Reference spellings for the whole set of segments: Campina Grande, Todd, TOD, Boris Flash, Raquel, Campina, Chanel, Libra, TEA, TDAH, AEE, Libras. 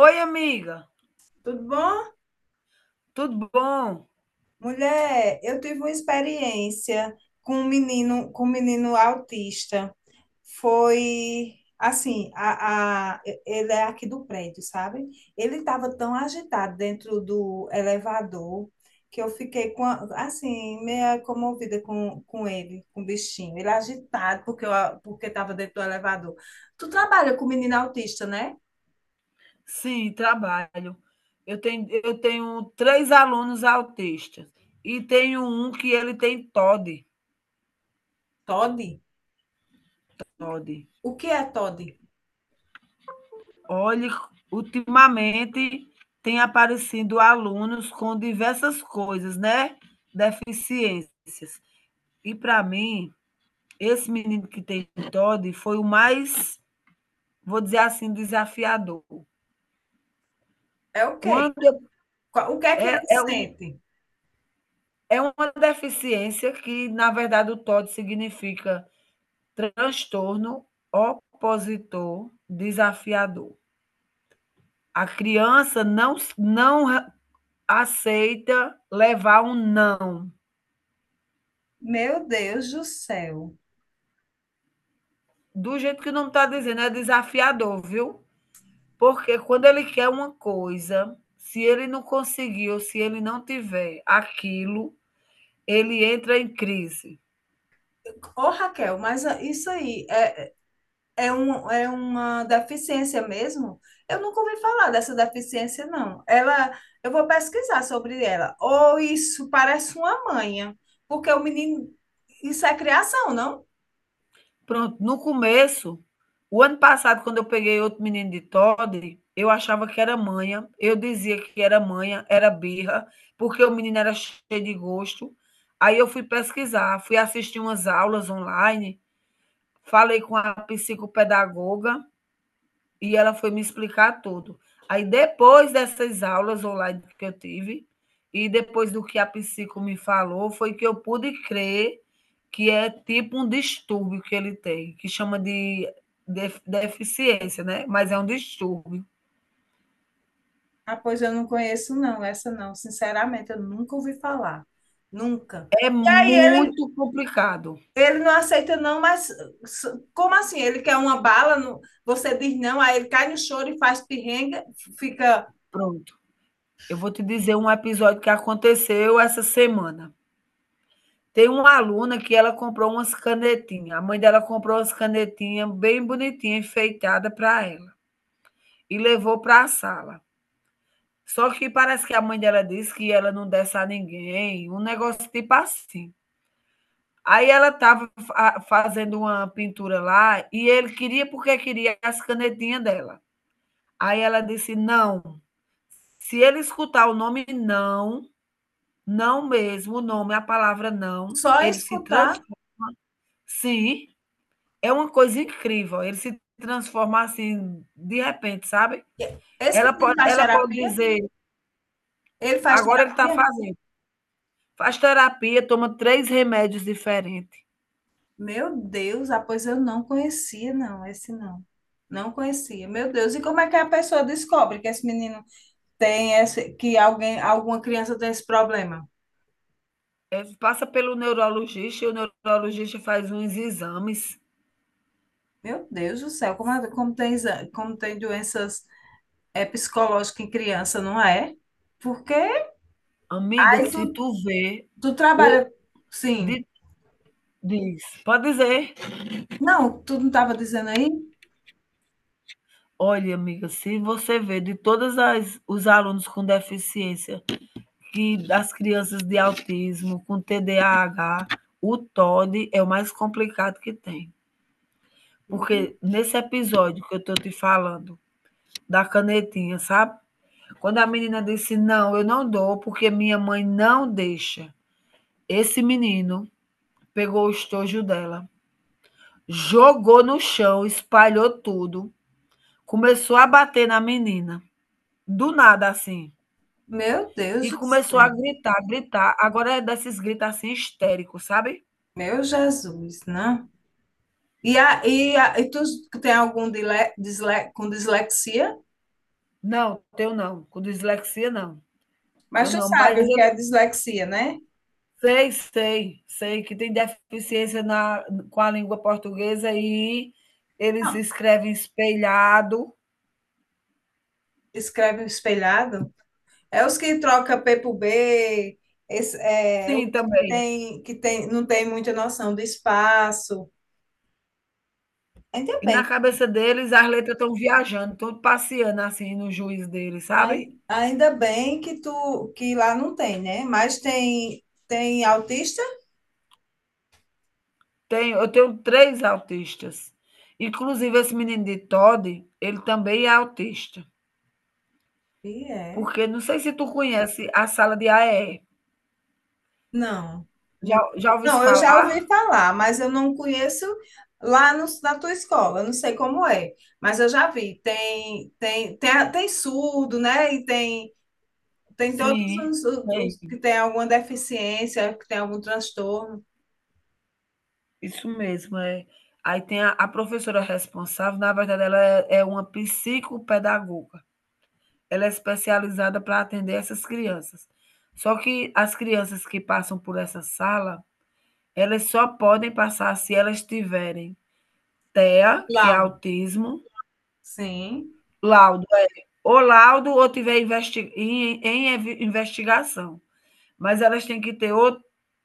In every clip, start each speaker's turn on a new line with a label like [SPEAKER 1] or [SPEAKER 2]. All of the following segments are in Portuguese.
[SPEAKER 1] Oi, amiga,
[SPEAKER 2] Tudo bom?
[SPEAKER 1] tudo bom?
[SPEAKER 2] Mulher, eu tive uma experiência com um menino autista. Foi assim, ele é aqui do prédio, sabe? Ele estava tão agitado dentro do elevador que eu fiquei com assim, meio comovida com ele, com o bichinho. Ele agitado porque estava dentro do elevador. Tu trabalha com menino autista, né?
[SPEAKER 1] Sim, trabalho. Eu tenho três alunos autistas e tenho um que ele tem TOD.
[SPEAKER 2] Todd?
[SPEAKER 1] TOD.
[SPEAKER 2] O que é Todd?
[SPEAKER 1] Olha, ultimamente tem aparecido alunos com diversas coisas, né? Deficiências. E para mim, esse menino que tem TOD foi o mais, vou dizer assim, desafiador.
[SPEAKER 2] É o quê?
[SPEAKER 1] Quando eu-
[SPEAKER 2] O que é que ele
[SPEAKER 1] é, é o
[SPEAKER 2] sente?
[SPEAKER 1] É uma deficiência que, na verdade, o TOD significa transtorno opositor desafiador. A criança não, não aceita levar um não.
[SPEAKER 2] Meu Deus do céu.
[SPEAKER 1] Do jeito que o nome está dizendo, é desafiador, viu? Porque quando ele quer uma coisa, se ele não conseguir ou se ele não tiver aquilo, ele entra em crise.
[SPEAKER 2] Ô, Raquel, mas ah, isso aí é, é, um, é uma deficiência mesmo? Eu nunca ouvi falar dessa deficiência, não. Eu vou pesquisar sobre ela. Ou isso parece uma manha, porque o menino, isso é criação, não?
[SPEAKER 1] Pronto, no começo, o ano passado, quando eu peguei outro menino de Toddy, eu achava que era manha, eu dizia que era manha, era birra, porque o menino era cheio de gosto. Aí eu fui pesquisar, fui assistir umas aulas online, falei com a psicopedagoga, e ela foi me explicar tudo. Aí depois dessas aulas online que eu tive e depois do que a psico me falou, foi que eu pude crer que é tipo um distúrbio que ele tem, que chama de deficiência, né? Mas é um distúrbio.
[SPEAKER 2] Ah, pois eu não conheço, não, essa não. Sinceramente, eu nunca ouvi falar. Nunca.
[SPEAKER 1] É
[SPEAKER 2] E aí
[SPEAKER 1] muito complicado.
[SPEAKER 2] ele não aceita não, mas como assim? Ele quer uma bala, você diz não, aí ele cai no choro e faz pirrenga, fica
[SPEAKER 1] Pronto. Eu vou te dizer um episódio que aconteceu essa semana. Tem uma aluna que ela comprou umas canetinhas. A mãe dela comprou umas canetinhas bem bonitinhas, enfeitadas para ela. E levou para a sala. Só que parece que a mãe dela disse que ela não desse a ninguém, um negócio tipo assim. Aí ela estava fazendo uma pintura lá e ele queria porque queria as canetinhas dela. Aí ela disse: não, se ele escutar o nome não, não mesmo, o nome, a palavra não,
[SPEAKER 2] só em
[SPEAKER 1] ele se
[SPEAKER 2] escutar.
[SPEAKER 1] transforma. Sim, é uma coisa incrível. Ele se transforma assim, de repente, sabe?
[SPEAKER 2] Esse
[SPEAKER 1] Ela
[SPEAKER 2] menino
[SPEAKER 1] pode,
[SPEAKER 2] faz
[SPEAKER 1] ela pode
[SPEAKER 2] terapia?
[SPEAKER 1] dizer,
[SPEAKER 2] Ele faz
[SPEAKER 1] agora ele está
[SPEAKER 2] terapia?
[SPEAKER 1] fazendo. Faz terapia, toma três remédios diferentes.
[SPEAKER 2] Meu Deus, pois eu não conhecia, não, esse não. Não conhecia. Meu Deus, e como é que a pessoa descobre que esse menino tem esse, que alguém, alguma criança tem esse problema?
[SPEAKER 1] É, passa pelo neurologista e o neurologista faz uns exames.
[SPEAKER 2] Meu Deus do céu, como tem, como tem doenças psicológicas em criança, não é? Porque
[SPEAKER 1] Amiga,
[SPEAKER 2] aí
[SPEAKER 1] se
[SPEAKER 2] tu
[SPEAKER 1] tu vê,
[SPEAKER 2] tu
[SPEAKER 1] o
[SPEAKER 2] trabalha, sim.
[SPEAKER 1] di diz, pode dizer.
[SPEAKER 2] Não, tu não estava dizendo aí?
[SPEAKER 1] Olha, amiga, se você vê de todas as os alunos com deficiência, que das crianças de autismo, com TDAH, o TOD é o mais complicado que tem.
[SPEAKER 2] Meu,
[SPEAKER 1] Porque nesse episódio que eu estou te falando, da canetinha, sabe? Quando a menina disse: Não, eu não dou, porque minha mãe não deixa. Esse menino pegou o estojo dela, jogou no chão, espalhou tudo, começou a bater na menina, do nada assim.
[SPEAKER 2] meu
[SPEAKER 1] E
[SPEAKER 2] Deus do
[SPEAKER 1] começou a
[SPEAKER 2] céu,
[SPEAKER 1] gritar, gritar. Agora é desses gritos assim histéricos, sabe?
[SPEAKER 2] meu Jesus, não. E tu tem algum com dislexia?
[SPEAKER 1] Não, teu não. Com dislexia, não.
[SPEAKER 2] Mas
[SPEAKER 1] Teu
[SPEAKER 2] tu
[SPEAKER 1] não. Mas
[SPEAKER 2] sabe o que
[SPEAKER 1] eu
[SPEAKER 2] é dislexia, né?
[SPEAKER 1] sei, sei, sei que tem deficiência na, com a língua portuguesa e eles
[SPEAKER 2] Não.
[SPEAKER 1] escrevem espelhado.
[SPEAKER 2] Escreve espelhado. É os que troca P por B,
[SPEAKER 1] Sim,
[SPEAKER 2] os
[SPEAKER 1] também.
[SPEAKER 2] que tem, não tem muita noção de espaço. Ainda
[SPEAKER 1] E
[SPEAKER 2] bem,
[SPEAKER 1] na cabeça deles as letras estão viajando, estão passeando, assim, no juiz deles, sabe.
[SPEAKER 2] ainda bem que tu que lá não tem, né? Mas tem, tem autista?
[SPEAKER 1] Tenho eu tenho 3 autistas, inclusive esse menino de todd ele também é autista,
[SPEAKER 2] E é?
[SPEAKER 1] porque não sei se tu conhece a sala de AEE,
[SPEAKER 2] Não.
[SPEAKER 1] já já ouviste
[SPEAKER 2] Não, eu já ouvi
[SPEAKER 1] falar?
[SPEAKER 2] falar, mas eu não conheço lá no- na tua escola, eu não sei como é, mas eu já vi. Tem tem surdo, né? E tem tem todos
[SPEAKER 1] Sim, tem,
[SPEAKER 2] os que têm alguma deficiência, que tem algum transtorno.
[SPEAKER 1] isso mesmo, é. Aí tem a professora responsável, na verdade ela é uma psicopedagoga. Ela é especializada para atender essas crianças. Só que as crianças que passam por essa sala, elas só podem passar se elas tiverem TEA, que é
[SPEAKER 2] Clown.
[SPEAKER 1] autismo,
[SPEAKER 2] Sim.
[SPEAKER 1] laudo, é, ou laudo ou tiver em investigação. Mas elas têm que ter o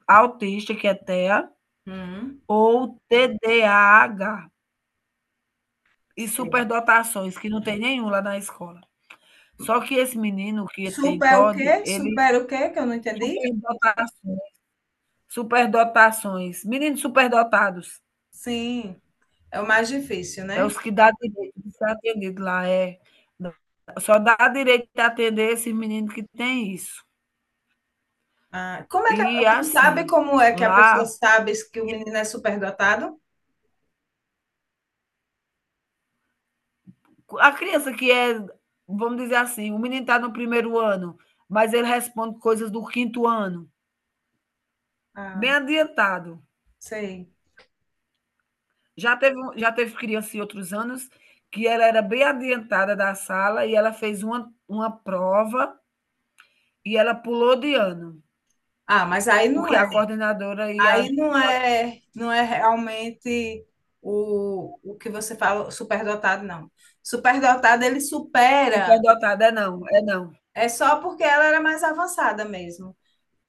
[SPEAKER 1] autista, que é TEA,
[SPEAKER 2] Hum.
[SPEAKER 1] ou TDAH, e
[SPEAKER 2] Sei.
[SPEAKER 1] superdotações, que não tem nenhum lá na escola. Só que esse menino que tem
[SPEAKER 2] Super o
[SPEAKER 1] TOD,
[SPEAKER 2] quê?
[SPEAKER 1] ele
[SPEAKER 2] Super o quê? Que eu não entendi?
[SPEAKER 1] superdotações. Superdotações. Meninos superdotados.
[SPEAKER 2] Sim, é o mais difícil,
[SPEAKER 1] É
[SPEAKER 2] né?
[SPEAKER 1] os que dá direito de ser atendido lá. É. Só dá direito de atender esse menino que tem isso.
[SPEAKER 2] Ah, como é que a,
[SPEAKER 1] E
[SPEAKER 2] tu sabe
[SPEAKER 1] assim,
[SPEAKER 2] como é que a pessoa
[SPEAKER 1] lá,
[SPEAKER 2] sabe que o menino é superdotado?
[SPEAKER 1] a criança que é, vamos dizer assim, o menino está no primeiro ano, mas ele responde coisas do quinto ano, bem
[SPEAKER 2] Ah,
[SPEAKER 1] adiantado.
[SPEAKER 2] sei.
[SPEAKER 1] Já teve criança em outros anos que ela era bem adiantada da sala e ela fez uma prova e ela pulou de ano.
[SPEAKER 2] Ah, mas aí não
[SPEAKER 1] Porque
[SPEAKER 2] é.
[SPEAKER 1] a coordenadora e a
[SPEAKER 2] Aí não é, não é realmente o que você fala, superdotado, não. Superdotado, ele supera.
[SPEAKER 1] superdotada é não,
[SPEAKER 2] É só porque ela era mais avançada mesmo.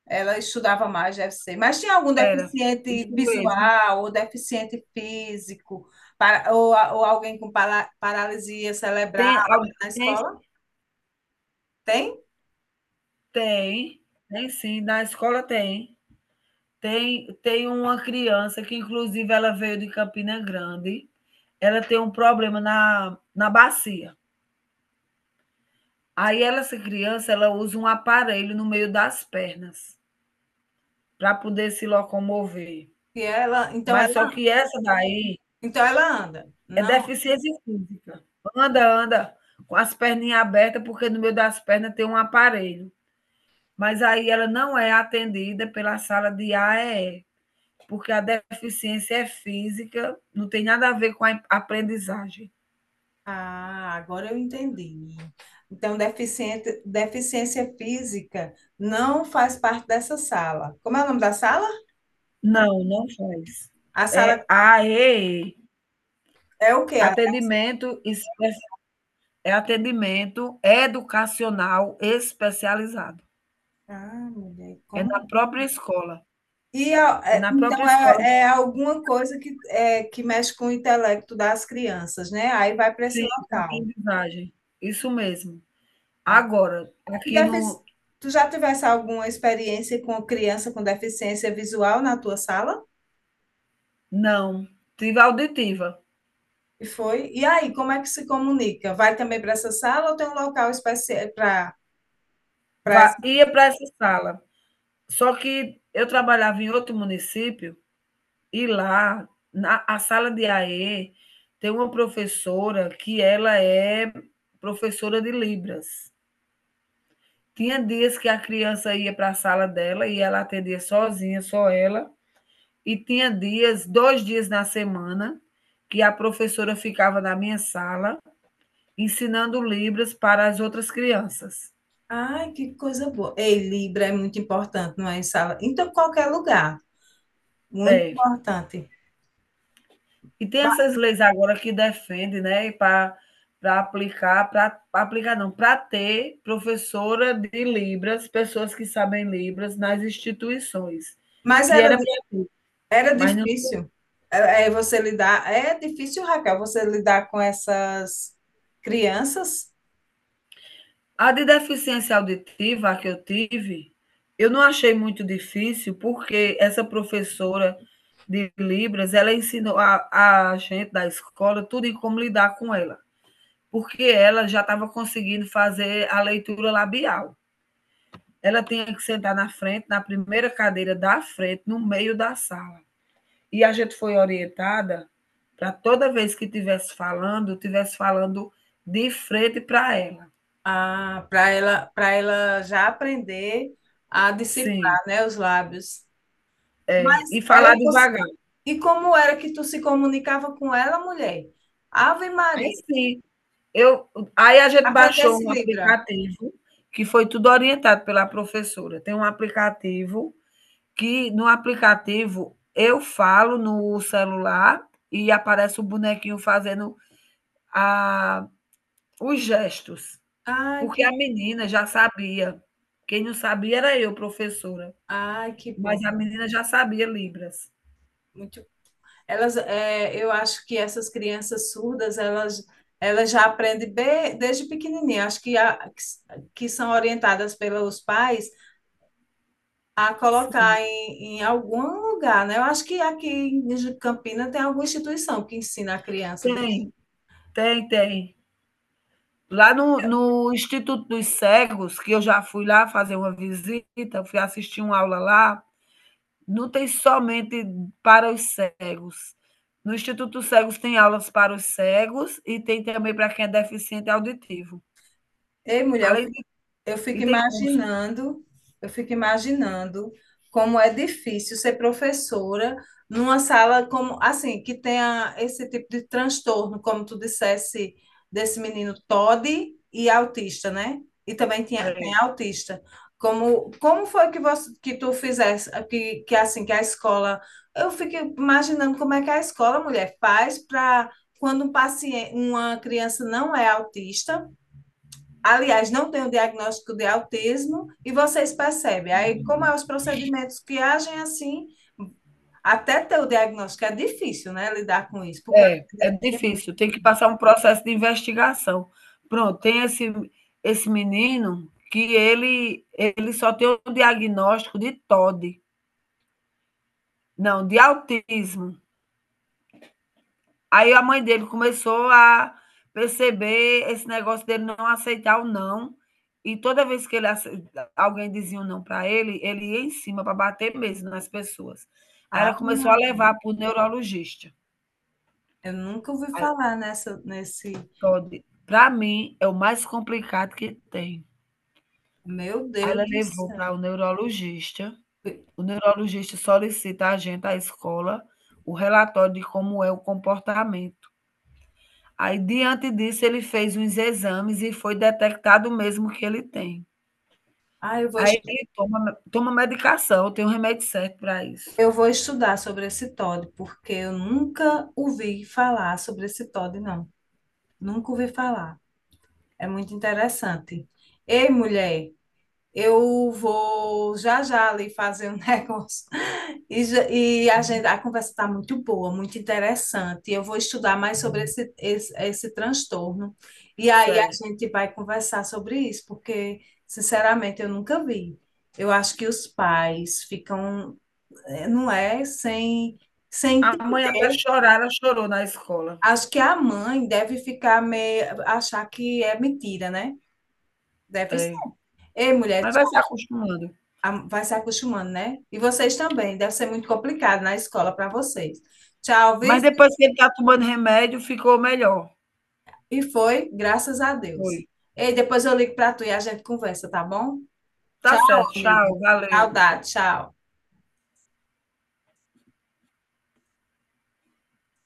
[SPEAKER 2] Ela estudava mais, deve ser. Mas tinha algum
[SPEAKER 1] era.
[SPEAKER 2] deficiente
[SPEAKER 1] Isso mesmo.
[SPEAKER 2] visual ou deficiente físico, ou alguém com paralisia cerebral
[SPEAKER 1] Tem al
[SPEAKER 2] na
[SPEAKER 1] tem
[SPEAKER 2] escola? Tem?
[SPEAKER 1] tem, tem sim, na escola tem. Tem uma criança que inclusive ela veio de Campina Grande, ela tem um problema na bacia. Aí ela essa criança, ela usa um aparelho no meio das pernas, para poder se locomover.
[SPEAKER 2] E ela, então
[SPEAKER 1] Mas
[SPEAKER 2] ela,
[SPEAKER 1] só que essa daí
[SPEAKER 2] então ela anda.
[SPEAKER 1] é
[SPEAKER 2] Não,
[SPEAKER 1] deficiência física. Anda, anda com as perninhas abertas, porque no meio das pernas tem um aparelho. Mas aí ela não é atendida pela sala de AEE, porque a deficiência é física, não tem nada a ver com a aprendizagem.
[SPEAKER 2] ah, agora eu entendi. Então, deficiente, deficiência física não faz parte dessa sala. Como é o nome da sala?
[SPEAKER 1] Não, não faz.
[SPEAKER 2] A sala
[SPEAKER 1] É AEE,
[SPEAKER 2] é o quê? A-
[SPEAKER 1] atendimento, é atendimento educacional especializado.
[SPEAKER 2] ah, mulher,
[SPEAKER 1] É na
[SPEAKER 2] como?
[SPEAKER 1] própria escola. É na própria escola que
[SPEAKER 2] É alguma coisa que que mexe com o intelecto das crianças, né? Aí vai para esse
[SPEAKER 1] fica a
[SPEAKER 2] local.
[SPEAKER 1] aprendizagem. Isso mesmo.
[SPEAKER 2] Ah,
[SPEAKER 1] Agora,
[SPEAKER 2] e
[SPEAKER 1] aqui no
[SPEAKER 2] tu já tivesse alguma experiência com criança com deficiência visual na tua sala?
[SPEAKER 1] não, tive auditiva.
[SPEAKER 2] E foi. E aí, como é que se comunica? Vai também para essa sala ou tem um local especial para para
[SPEAKER 1] Va
[SPEAKER 2] essa?
[SPEAKER 1] ia para essa sala. Só que eu trabalhava em outro município e lá, na a sala de AE, tem uma professora que ela é professora de Libras. Tinha dias que a criança ia para a sala dela e ela atendia sozinha, só ela. E tinha dias, 2 dias na semana, que a professora ficava na minha sala ensinando Libras para as outras crianças.
[SPEAKER 2] Ai, que coisa boa. Ei, Libra é muito importante, não é em sala? Então, qualquer lugar, muito
[SPEAKER 1] É.
[SPEAKER 2] importante.
[SPEAKER 1] E tem essas leis agora que defende, né, para aplicar, para aplicar não, para ter professora de Libras, pessoas que sabem Libras nas instituições,
[SPEAKER 2] Mas
[SPEAKER 1] que
[SPEAKER 2] era,
[SPEAKER 1] era,
[SPEAKER 2] di- era
[SPEAKER 1] mas não,
[SPEAKER 2] difícil. Você lidar. É difícil, Raquel, você lidar com essas crianças,
[SPEAKER 1] a de deficiência auditiva que eu tive, eu não achei muito difícil, porque essa professora de Libras, ela ensinou a gente da escola tudo em como lidar com ela, porque ela já estava conseguindo fazer a leitura labial. Ela tinha que sentar na frente, na primeira cadeira da frente, no meio da sala. E a gente foi orientada para toda vez que estivesse falando de frente para ela.
[SPEAKER 2] ah, para ela já aprender a
[SPEAKER 1] Sim.
[SPEAKER 2] decifrar, né, os lábios.
[SPEAKER 1] É,
[SPEAKER 2] Mas
[SPEAKER 1] e
[SPEAKER 2] ela,
[SPEAKER 1] falar devagar.
[SPEAKER 2] e como era que tu se comunicava com ela, mulher? Ave
[SPEAKER 1] É
[SPEAKER 2] Maria,
[SPEAKER 1] sim. Eu, aí a gente baixou
[SPEAKER 2] aprendesse
[SPEAKER 1] um
[SPEAKER 2] Libra.
[SPEAKER 1] aplicativo que foi tudo orientado pela professora. Tem um aplicativo que no aplicativo eu falo no celular e aparece o bonequinho fazendo a Os gestos,
[SPEAKER 2] Ai, que
[SPEAKER 1] porque a
[SPEAKER 2] bom.
[SPEAKER 1] menina já sabia. Quem não sabia era eu, professora,
[SPEAKER 2] Ai, que bom.
[SPEAKER 1] mas a menina já sabia Libras.
[SPEAKER 2] Muito. Eu acho que essas crianças surdas, elas já aprendem desde pequenininha. Acho que são orientadas pelos pais a
[SPEAKER 1] Sim,
[SPEAKER 2] colocar em algum lugar, né? Eu acho que aqui em Campina tem alguma instituição que ensina a criança.
[SPEAKER 1] tem, tem, tem. Lá no Instituto dos Cegos, que eu já fui lá fazer uma visita, fui assistir uma aula lá, não tem somente para os cegos. No Instituto dos Cegos tem aulas para os cegos e tem também para quem é deficiente auditivo.
[SPEAKER 2] Ei, mulher, eu
[SPEAKER 1] Além de
[SPEAKER 2] Eu
[SPEAKER 1] e
[SPEAKER 2] fico
[SPEAKER 1] tem curso.
[SPEAKER 2] imaginando, eu fico imaginando como é difícil ser professora numa sala como assim, que tenha esse tipo de transtorno, como tu dissesse, desse menino Todd e autista, né? E também tinha,
[SPEAKER 1] É.
[SPEAKER 2] tem autista. Como, como foi que você, que tu fizesse, que assim, que a escola, eu fico imaginando como é que a escola, mulher, faz para quando um paciente, uma criança não é autista, aliás, não tem o diagnóstico de autismo e vocês percebem. Aí, como é os procedimentos que agem assim, até ter o diagnóstico é difícil, né, lidar com isso, porque eu
[SPEAKER 1] É
[SPEAKER 2] acredito que tem muito.
[SPEAKER 1] difícil, tem que passar um processo de investigação. Pronto, tem esse menino que ele só tem o diagnóstico de TOD, não, de autismo. Aí a mãe dele começou a perceber esse negócio dele não aceitar o não. E toda vez que ele alguém dizia um não para ele, ele ia em cima para bater mesmo nas pessoas. Aí ela
[SPEAKER 2] Ave
[SPEAKER 1] começou a
[SPEAKER 2] Maria,
[SPEAKER 1] levar para o neurologista.
[SPEAKER 2] eu nunca ouvi falar nesse.
[SPEAKER 1] Para mim, é o mais complicado que tem.
[SPEAKER 2] Meu
[SPEAKER 1] Aí ela
[SPEAKER 2] Deus do
[SPEAKER 1] levou para
[SPEAKER 2] céu.
[SPEAKER 1] o neurologista solicita a gente, a escola, o relatório de como é o comportamento. Aí diante disso ele fez uns exames e foi detectado mesmo que ele tem.
[SPEAKER 2] Ah, eu vou,
[SPEAKER 1] Aí
[SPEAKER 2] estu-
[SPEAKER 1] ele toma medicação, tem um remédio certo para isso.
[SPEAKER 2] eu vou estudar sobre esse Todd, porque eu nunca ouvi falar sobre esse Todd, não. Nunca ouvi falar. É muito interessante. Ei, mulher, eu vou já já ali fazer um negócio. E a gente, a conversa está muito boa, muito interessante. Eu vou estudar mais sobre esse transtorno. E aí a
[SPEAKER 1] Certo.
[SPEAKER 2] gente vai conversar sobre isso, porque, sinceramente, eu nunca vi. Eu acho que os pais ficam, não é, sem
[SPEAKER 1] A mãe até
[SPEAKER 2] entender.
[SPEAKER 1] chorar, ela chorou na escola.
[SPEAKER 2] Acho que a mãe deve ficar meio, achar que é mentira, né? Deve ser.
[SPEAKER 1] É.
[SPEAKER 2] Ei, mulher,
[SPEAKER 1] Mas vai se acostumando.
[SPEAKER 2] vai se acostumando, né? E vocês também, deve ser muito complicado na escola para vocês. Tchau, viu?
[SPEAKER 1] Mas depois que ele está tomando remédio, ficou melhor.
[SPEAKER 2] E foi, graças a Deus.
[SPEAKER 1] Foi.
[SPEAKER 2] Ei, depois eu ligo para tu e a gente conversa, tá bom? Tchau,
[SPEAKER 1] Tá certo,
[SPEAKER 2] amiga.
[SPEAKER 1] tchau, valeu.
[SPEAKER 2] Saudade, tchau.